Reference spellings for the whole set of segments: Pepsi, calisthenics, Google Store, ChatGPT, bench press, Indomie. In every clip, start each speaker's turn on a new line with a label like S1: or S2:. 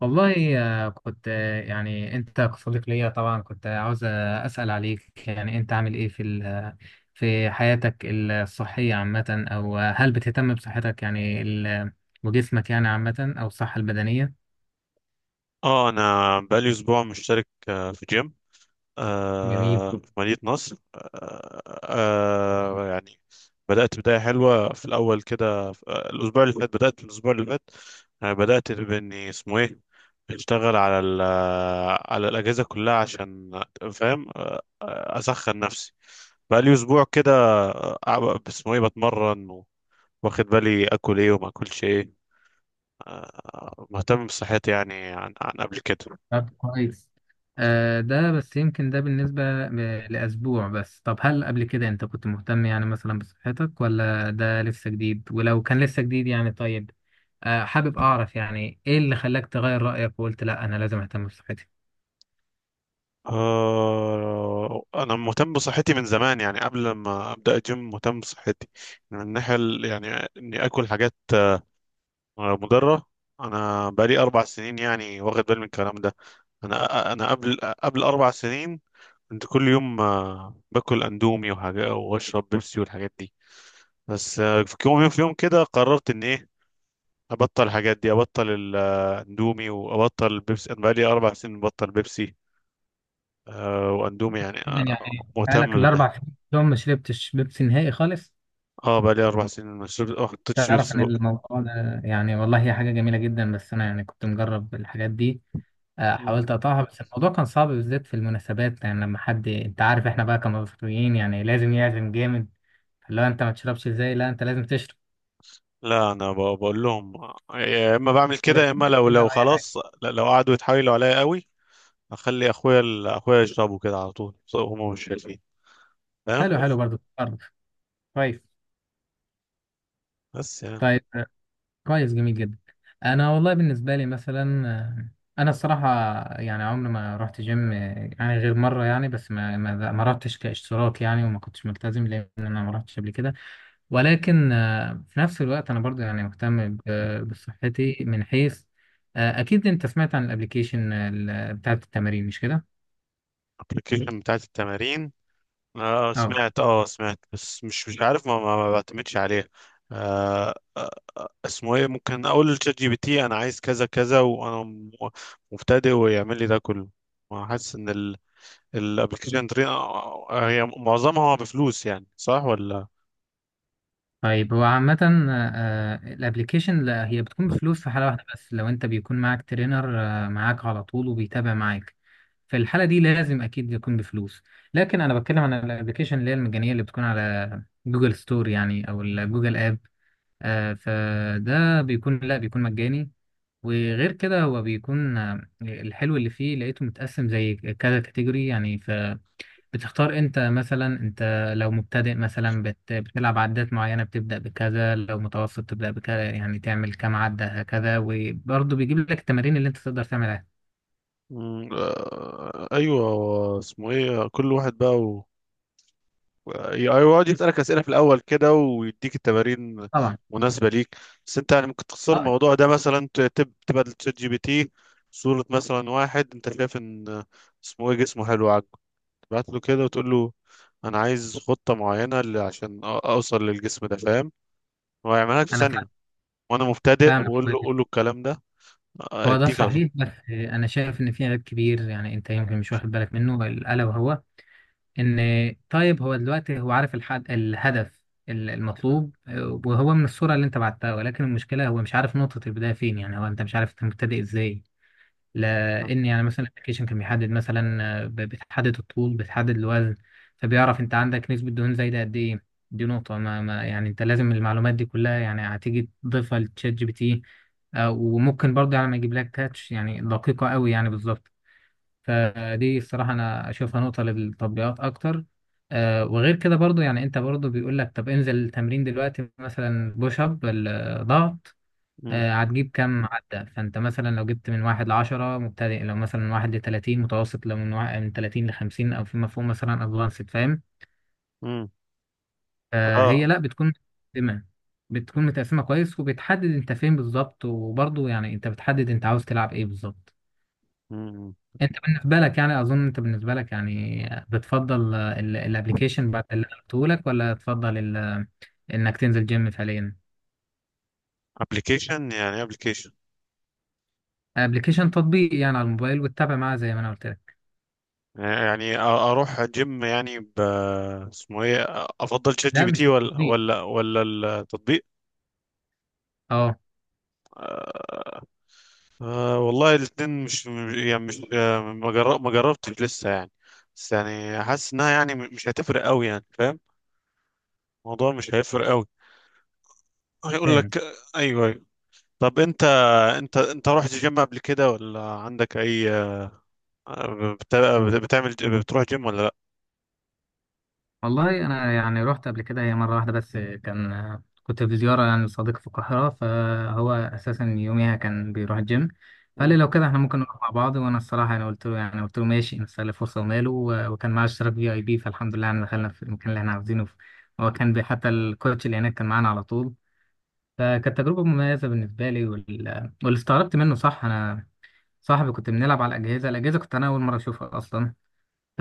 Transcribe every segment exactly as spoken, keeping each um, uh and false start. S1: والله، آه، كنت آه، يعني انت كصديق ليا طبعا كنت عاوز آه، اسال عليك، يعني انت عامل ايه في ال- آه، في حياتك الصحيه عامه، او آه، هل بتهتم بصحتك، يعني ال- آه، وجسمك يعني عامه، او الصحه البدنيه؟
S2: اه، انا بقالي اسبوع مشترك آه، في جيم،
S1: جميل.
S2: آه، في مدينة نصر. آه، آه، يعني بدأت بداية حلوة في الأول كده في- آه، الأسبوع اللي فات. بدأت الأسبوع اللي فات، آه، بدأت بإني اسمه إيه أشتغل على ال آه، على الأجهزة كلها عشان فاهم، آه، آه، أسخن نفسي. بقالي أسبوع كده، آه، آه، اسمه إيه بتمرن و- واخد بالي آكل إيه وما آكلش إيه. آه، مهتم بصحتي يعني عن عن قبل كده.
S1: طب كويس. آه ده بس يمكن ده بالنسبة ب- لأسبوع بس. طب هل قبل كده أنت كنت مهتم يعني مثلا بصحتك، ولا ده لسه جديد؟ ولو كان لسه جديد يعني طيب، آه حابب أعرف يعني إيه اللي خلاك تغير رأيك وقلت لأ، أنا لازم أهتم بصحتي.
S2: آه، أنا مهتم بصحتي من زمان، يعني قبل ما أبدأ الجيم مهتم بصحتي من الناحية ال- يعني إني آكل حاجات آه، مضرة. أنا بقالي أربع سنين يعني واخد بالي من الكلام ده. أنا أنا قبل قبل أربع سنين كنت كل يوم آه، باكل أندومي وحاجة وأشرب بيبسي والحاجات دي. بس آه، في يوم، في يوم كده قررت إن إيه أبطل الحاجات دي، أبطل الأندومي وأبطل البيبسي. أنا بقالي أربع سنين ببطل بيبسي، آه واندومي، يعني
S1: إذا
S2: آه
S1: يعني بقالك
S2: مهتم بيها.
S1: الأربع سنين يوم ما شربتش بيبسي نهائي خالص؟
S2: اه، بقى لي اربع سنين ما شربت- ما حطيتش
S1: تعرف
S2: بيبسي
S1: إن
S2: بق.
S1: الموضوع ده يعني والله هي حاجة جميلة جدا، بس أنا يعني كنت مجرب الحاجات دي. آه،
S2: مم.
S1: حاولت اقطعها بس الموضوع كان صعب، بالذات في المناسبات. يعني لما حد، انت عارف احنا بقى كمصريين يعني لازم يعزم جامد. لو انت ما تشربش، ازاي؟ لا، انت لازم تشرب.
S2: لا، انا ب- بقول لهم يا اما بعمل
S1: ده
S2: كده يا
S1: كان
S2: اما، لو
S1: بيبسي بقى
S2: لو
S1: او اي حاجه؟
S2: خلاص، لا- لو قعدوا يتحايلوا عليا قوي اخلي اخويا ال- اخويا يشربوا كده على طول، بس هم مش شايفين،
S1: حلو
S2: فاهم.
S1: حلو، برضه برضه. كويس.
S2: بس يعني،
S1: طيب، آه، كويس. جميل جدا. انا والله بالنسبه لي مثلا، آه، انا الصراحه يعني عمري ما رحت جيم، آه، يعني غير مره يعني، بس ما ما ما رحتش كاشتراك يعني، وما كنتش ملتزم، لان انا ما رحتش قبل كده. ولكن آه، في نفس الوقت انا برضو يعني مهتم ب- بصحتي من حيث، آه، اكيد انت سمعت عن الابليكيشن بتاعت التمارين، مش كده؟
S2: الابلكيشن بتاعت التمارين، اه
S1: اه.
S2: سمعت، اه سمعت بس مش مش عارف، ما, ما, ما بعتمدش عليها. آه آه، اسمه ايه، ممكن اقول للشات جي بي تي انا عايز كذا كذا، وانا م- مبتدئ ويعمل لي ده كله. حاسس ان الابلكيشن هي معظمها بفلوس، يعني صح ولا.
S1: طيب هو عامة الابليكيشن هي بتكون بفلوس في حالة واحدة بس، لو انت بيكون معاك ترينر آه، معاك على طول وبيتابع معاك. في الحالة دي لازم اكيد يكون بفلوس. لكن انا بتكلم عن الابليكيشن اللي هي المجانية اللي بتكون على جوجل ستور يعني، او الجوجل اب. آه، فده بيكون، لا بيكون مجاني. وغير كده هو بيكون آه، الحلو اللي فيه لقيته متقسم زي كذا كاتيجوري، يعني فبتختار. انت مثلا انت لو مبتدئ مثلا بت بتلعب عدات معينة بتبدأ بكذا، لو متوسط تبدأ بكذا، يعني تعمل كام عدة هكذا، وبرضه بيجيب لك التمارين اللي انت تقدر تعملها.
S2: مم، آه، ايوه، اسمه ايه كل واحد بقى و... ايوه، يقعد يسألك أسئلة في الأول كده ويديك التمارين
S1: طبعا.
S2: مناسبة ليك. بس أنت يعني ممكن تختصر
S1: اه
S2: الموضوع ده مثلا، ت- تب... تبقى للشات جي بي تي صورة، مثلا واحد أنت شايف إن اسمه إيه جسمه حلو، بعت له كده وتقول له انا عايز خطة معينة ل- عشان أ- اوصل للجسم ده، فاهم. هو هيعملها لك في
S1: انا فا-
S2: ثانية، وانا مبتدئ،
S1: فاهمك.
S2: وقول له قول له الكلام ده. آه،
S1: هو ده
S2: اديك على طول.
S1: صحيح بس آه، انا شايف ان في عيب كبير، يعني انت يمكن مش واخد بالك منه، الا وهو ان، طيب هو دلوقتي هو عارف الحد، الهدف ال- المطلوب، آه، وهو من الصورة اللي انت بعتها، ولكن المشكلة هو مش عارف نقطة البداية فين، يعني هو انت مش عارف انت مبتدئ ازاي. لان يعني مثلا الابلكيشن كان بيحدد مثلا، آه، ب- بتحدد الطول، بتحدد الوزن، فبيعرف انت عندك نسبة دهون زايدة قد ايه. دي نقطة ما, ما يعني، انت لازم المعلومات دي كلها يعني هتيجي تضيفها لتشات جي بي تي. آه، وممكن برضه يعني ما يجيب لك تاتش، يعني دقيقة قوي يعني بالظبط. فدي الصراحة أنا أشوفها نقطة للتطبيقات أكتر. آه وغير كده برضو، يعني أنت برضو بيقول لك طب انزل التمرين دلوقتي، مثلا بوش أب ال- ضغط.
S2: مم.
S1: آه هتجيب كام عدة. فأنت مثلا لو جبت من واحد لعشرة، مبتدئ. لو مثلا من واحد لتلاتين، متوسط. لو من واحد من تلاتين لخمسين أو فيما فوق، مثلا أدفانسد. فاهم؟
S2: مم.
S1: آه
S2: اه.
S1: هي لأ بتكون متقسمة. بتكون متقسمة كويس، وبتحدد أنت فين بالظبط، وبرضو يعني أنت بتحدد أنت عاوز تلعب إيه بالظبط.
S2: مم.
S1: انت بالنسبه لك يعني، اظن انت بالنسبه لك يعني بتفضل الابلكيشن بعد اللي انا قلته لك، ولا تفضل ال- انك تنزل جيم فعليا؟
S2: ابلكيشن، يعني ابلكيشن.
S1: ابلكيشن، تطبيق يعني على الموبايل وتتابع معاه زي ما انا قلت لك.
S2: يعني أ- اروح جيم يعني ب، اسمه ايه، افضل شات جي
S1: لا
S2: بي تي
S1: مش
S2: ولا
S1: التطبيق.
S2: ولا ولا. التطبيق.
S1: اه،
S2: آه. آه، والله الاثنين مش، يعني مش، آه، ما جر- ما جربتش لسه، يعني. بس يعني حاسس انها يعني مش هتفرق قوي، يعني فاهم، الموضوع مش هيفرق قوي، هيقول
S1: فاهم.
S2: لك. ايوه ايوه. طب انت، انت انت رحت جيم قبل كده ولا عندك اي بت- بتعمل، بتروح جيم ولا لا؟
S1: والله انا يعني رحت قبل كده هي مره واحده بس، كان كنت في زياره يعني لصديق في القاهره، فهو اساسا يوميها كان بيروح الجيم. فقال لي
S2: مم.
S1: لو كده احنا ممكن نروح مع بعض، وانا الصراحه انا قلت له يعني قلت له ماشي، نستغل الفرصه وماله، و- وكان معاه اشتراك في اي بي، فالحمد لله يعني دخلنا في المكان اللي احنا عاوزينه. هو كان بي- حتى الكوتش اللي هناك كان معانا على طول. فكانت تجربه مميزه بالنسبه لي، وال... واللي استغربت منه صح، انا صاحبي كنت بنلعب على الاجهزه، الاجهزه كنت انا اول مره اشوفها اصلا. ف-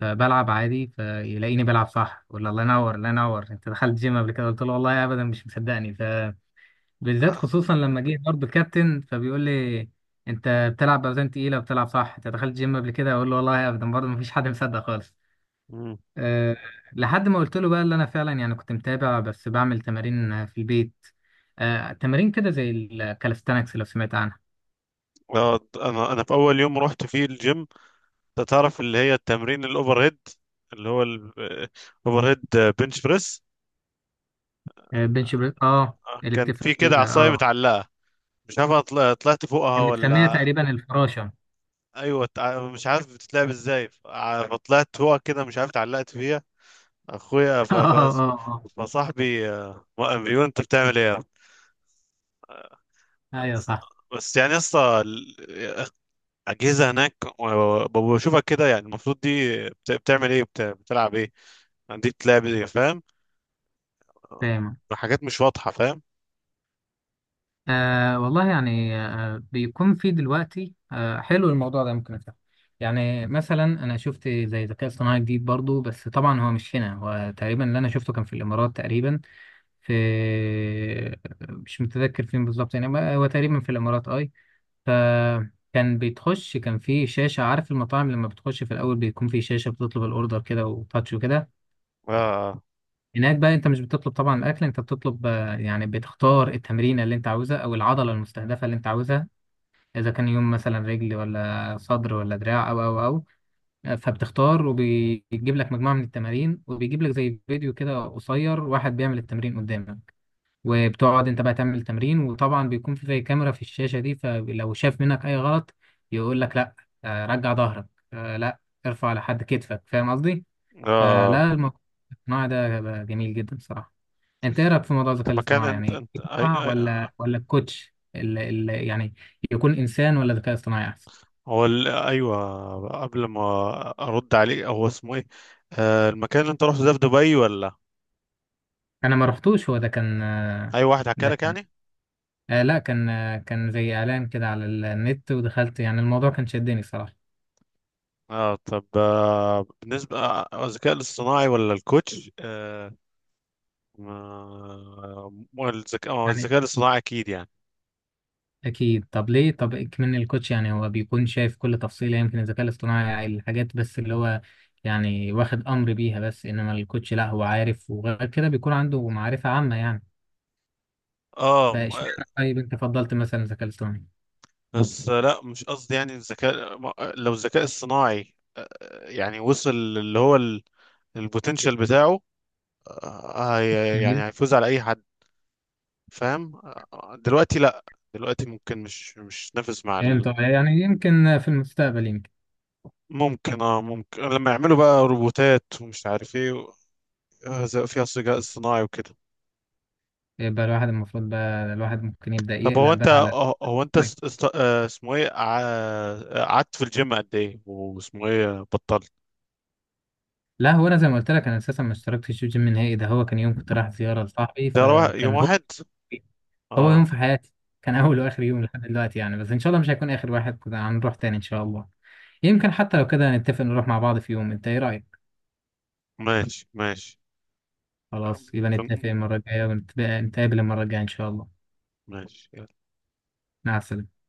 S1: فبلعب عادي، فيلاقيني بلعب صح، يقول لي الله ينور الله ينور، انت دخلت جيم قبل كده؟ قلت له والله ابدا، مش مصدقني. فبالذات خصوصا لما جه برضه كابتن، فبيقول لي انت بتلعب باوزان تقيله وبتلعب صح، انت دخلت جيم قبل كده؟ اقول له والله ابدا. برضه مفيش حد مصدق خالص.
S2: مم.
S1: أه. لحد ما قلت له بقى اللي انا فعلا يعني كنت متابع بس بعمل تمارين في البيت. أه، تمارين كده زي الكالستانكس، لو سمعت عنها.
S2: آه، انا انا في اول يوم رحت فيه الجيم، أنت تعرف اللي هي التمرين الاوفر هيد، اللي هو الاوفر هيد، بنش بريس.
S1: أه، بنش بريس، اه
S2: آه،
S1: اللي
S2: كان
S1: بتفرق،
S2: في كده عصايه
S1: اه
S2: متعلقه، مش عارف أطل- طلعت فوقها
S1: كانت متسميه
S2: ولا،
S1: تقريبا الفراشه
S2: ايوه تع- مش عارف بتتلعب ازاي، ف- فطلعت فوقها كده، مش عارف اتعلقت فيها. اخويا ف...
S1: اه،
S2: ف...
S1: اه،
S2: فصاحبي آه، وقف بيقول انت بتعمل ايه.
S1: ايوه صح.
S2: بس يعني لسه، اجهزه هناك و- و- بشوفك كده، يعني المفروض دي بت- بتعمل ايه، بت- بتلعب ايه، يعني دي بتلعب ايه، فاهم،
S1: فاهم.
S2: حاجات مش واضحه، فاهم.
S1: آه والله يعني آه بيكون في دلوقتي، آه حلو الموضوع ده، ممكن أفهم. يعني مثلا انا شفت زي ذكاء اصطناعي جديد برضو، بس طبعا هو مش هنا، هو تقريبا اللي انا شفته كان في الامارات تقريبا. في، مش متذكر فين بالظبط يعني، بقى هو تقريبا في الامارات اي. فكان بيتخش، كان في شاشة. عارف المطاعم لما بتخش في الاول بيكون في شاشة بتطلب الاوردر كده وتاتش وكده؟
S2: اه
S1: هناك بقى انت مش بتطلب طبعا الاكل، انت بتطلب آه، يعني بتختار التمرينه اللي انت عاوزها او العضله المستهدفه اللي انت عاوزها. اذا كان يوم مثلا رجل، ولا صدر، ولا دراع، او او او آه، فبتختار، وبيجيب لك مجموعه من التمارين، وبيجيب لك زي فيديو كده قصير، واحد بيعمل التمرين قدامك. وبتقعد انت بقى تعمل التمرين، وطبعا بيكون في زي كاميرا في الشاشه دي، فلو شاف منك اي غلط يقول لك لا، آه، رجع ظهرك، آه، لا ارفع لحد كتفك. فاهم قصدي؟
S2: اه. آه.
S1: فلا، الموضوع ده جميل جدا صراحه. انت ايه رايك في موضوع الذكاء
S2: انت مكان،
S1: الاصطناعي،
S2: انت
S1: يعني
S2: انت أي...
S1: ينفع،
S2: أي...
S1: ولا ولا الكوتش اللي اللي يعني يكون انسان، ولا ذكاء اصطناعي احسن؟
S2: هو ال... ايوه، قبل ما ارد عليك، هو اسمه ايه آه المكان اللي انت رحت ده في دبي ولا
S1: انا ما رحتوش، هو ده كان آه،
S2: اي واحد حكى
S1: ده
S2: لك،
S1: كان
S2: يعني؟
S1: آه لا كان آه كان زي اعلان كده على النت ودخلت، يعني الموضوع كان شدني صراحه.
S2: اه، طب، آه، بالنسبة، آه، الذكاء الاصطناعي ولا الكوتش، آه ما- ما الذكاء، ما هو
S1: يعني
S2: الذكاء الاصطناعي اكيد، يعني.
S1: اكيد. طب ليه؟ طب من الكوتش يعني هو بيكون شايف كل تفصيله، يمكن الذكاء الاصطناعي الحاجات بس اللي هو يعني واخد امر بيها، بس انما الكوتش لا، هو عارف، وغير كده بيكون عنده معرفه عامه يعني.
S2: اه م- آه،
S1: فاشمعنى طيب انت فضلت مثلا الذكاء الاصطناعي؟
S2: بس آه، لا، مش قصدي، يعني الذكاء ما- آه، لو الذكاء الصناعي آه، آه، يعني وصل اللي هو البوتنشال بتاعه، آه، هي- يعني
S1: جميل.
S2: هيفوز على اي حد، فاهم، آه، دلوقتي لا. دلوقتي ممكن مش مش نافس مع
S1: فهمت.
S2: ال...
S1: آه، يعني يمكن في المستقبل، يمكن
S2: ممكن اه ممكن لما يعملوا بقى روبوتات ومش عارف ايه و- آه، زي- فيها الذكاء الصناعي وكده.
S1: يبقى الواحد المفروض بقى، الواحد ممكن يبدأ
S2: طب هو
S1: يقلق
S2: انت،
S1: بقى على.
S2: هو انت
S1: طيب.
S2: است... است... آه، اسمه ايه، ع- قعدت في الجيم قد ايه، واسمه ايه بطلت.
S1: لا هو انا زي ما قلت لك انا اساسا ما اشتركتش في جيم نهائي، ده هو كان يوم كنت رايح زيارة لصاحبي
S2: ترى يوم
S1: فكان هو
S2: واحد.
S1: هو يوم
S2: اه.
S1: في حياتي، كان اول
S2: مم.
S1: واخر يوم لحد دلوقتي يعني، بس ان شاء الله مش هيكون اخر واحد، كده هنروح تاني ان شاء الله. يمكن حتى لو كده نتفق نروح مع بعض في يوم، انت ايه رأيك؟
S2: ماشي ماشي. آه،
S1: خلاص يبقى
S2: ممكن.
S1: نتفق المرة الجاية، ونتقابل المرة الجاية ان شاء الله.
S2: ماشي.
S1: مع السلامة.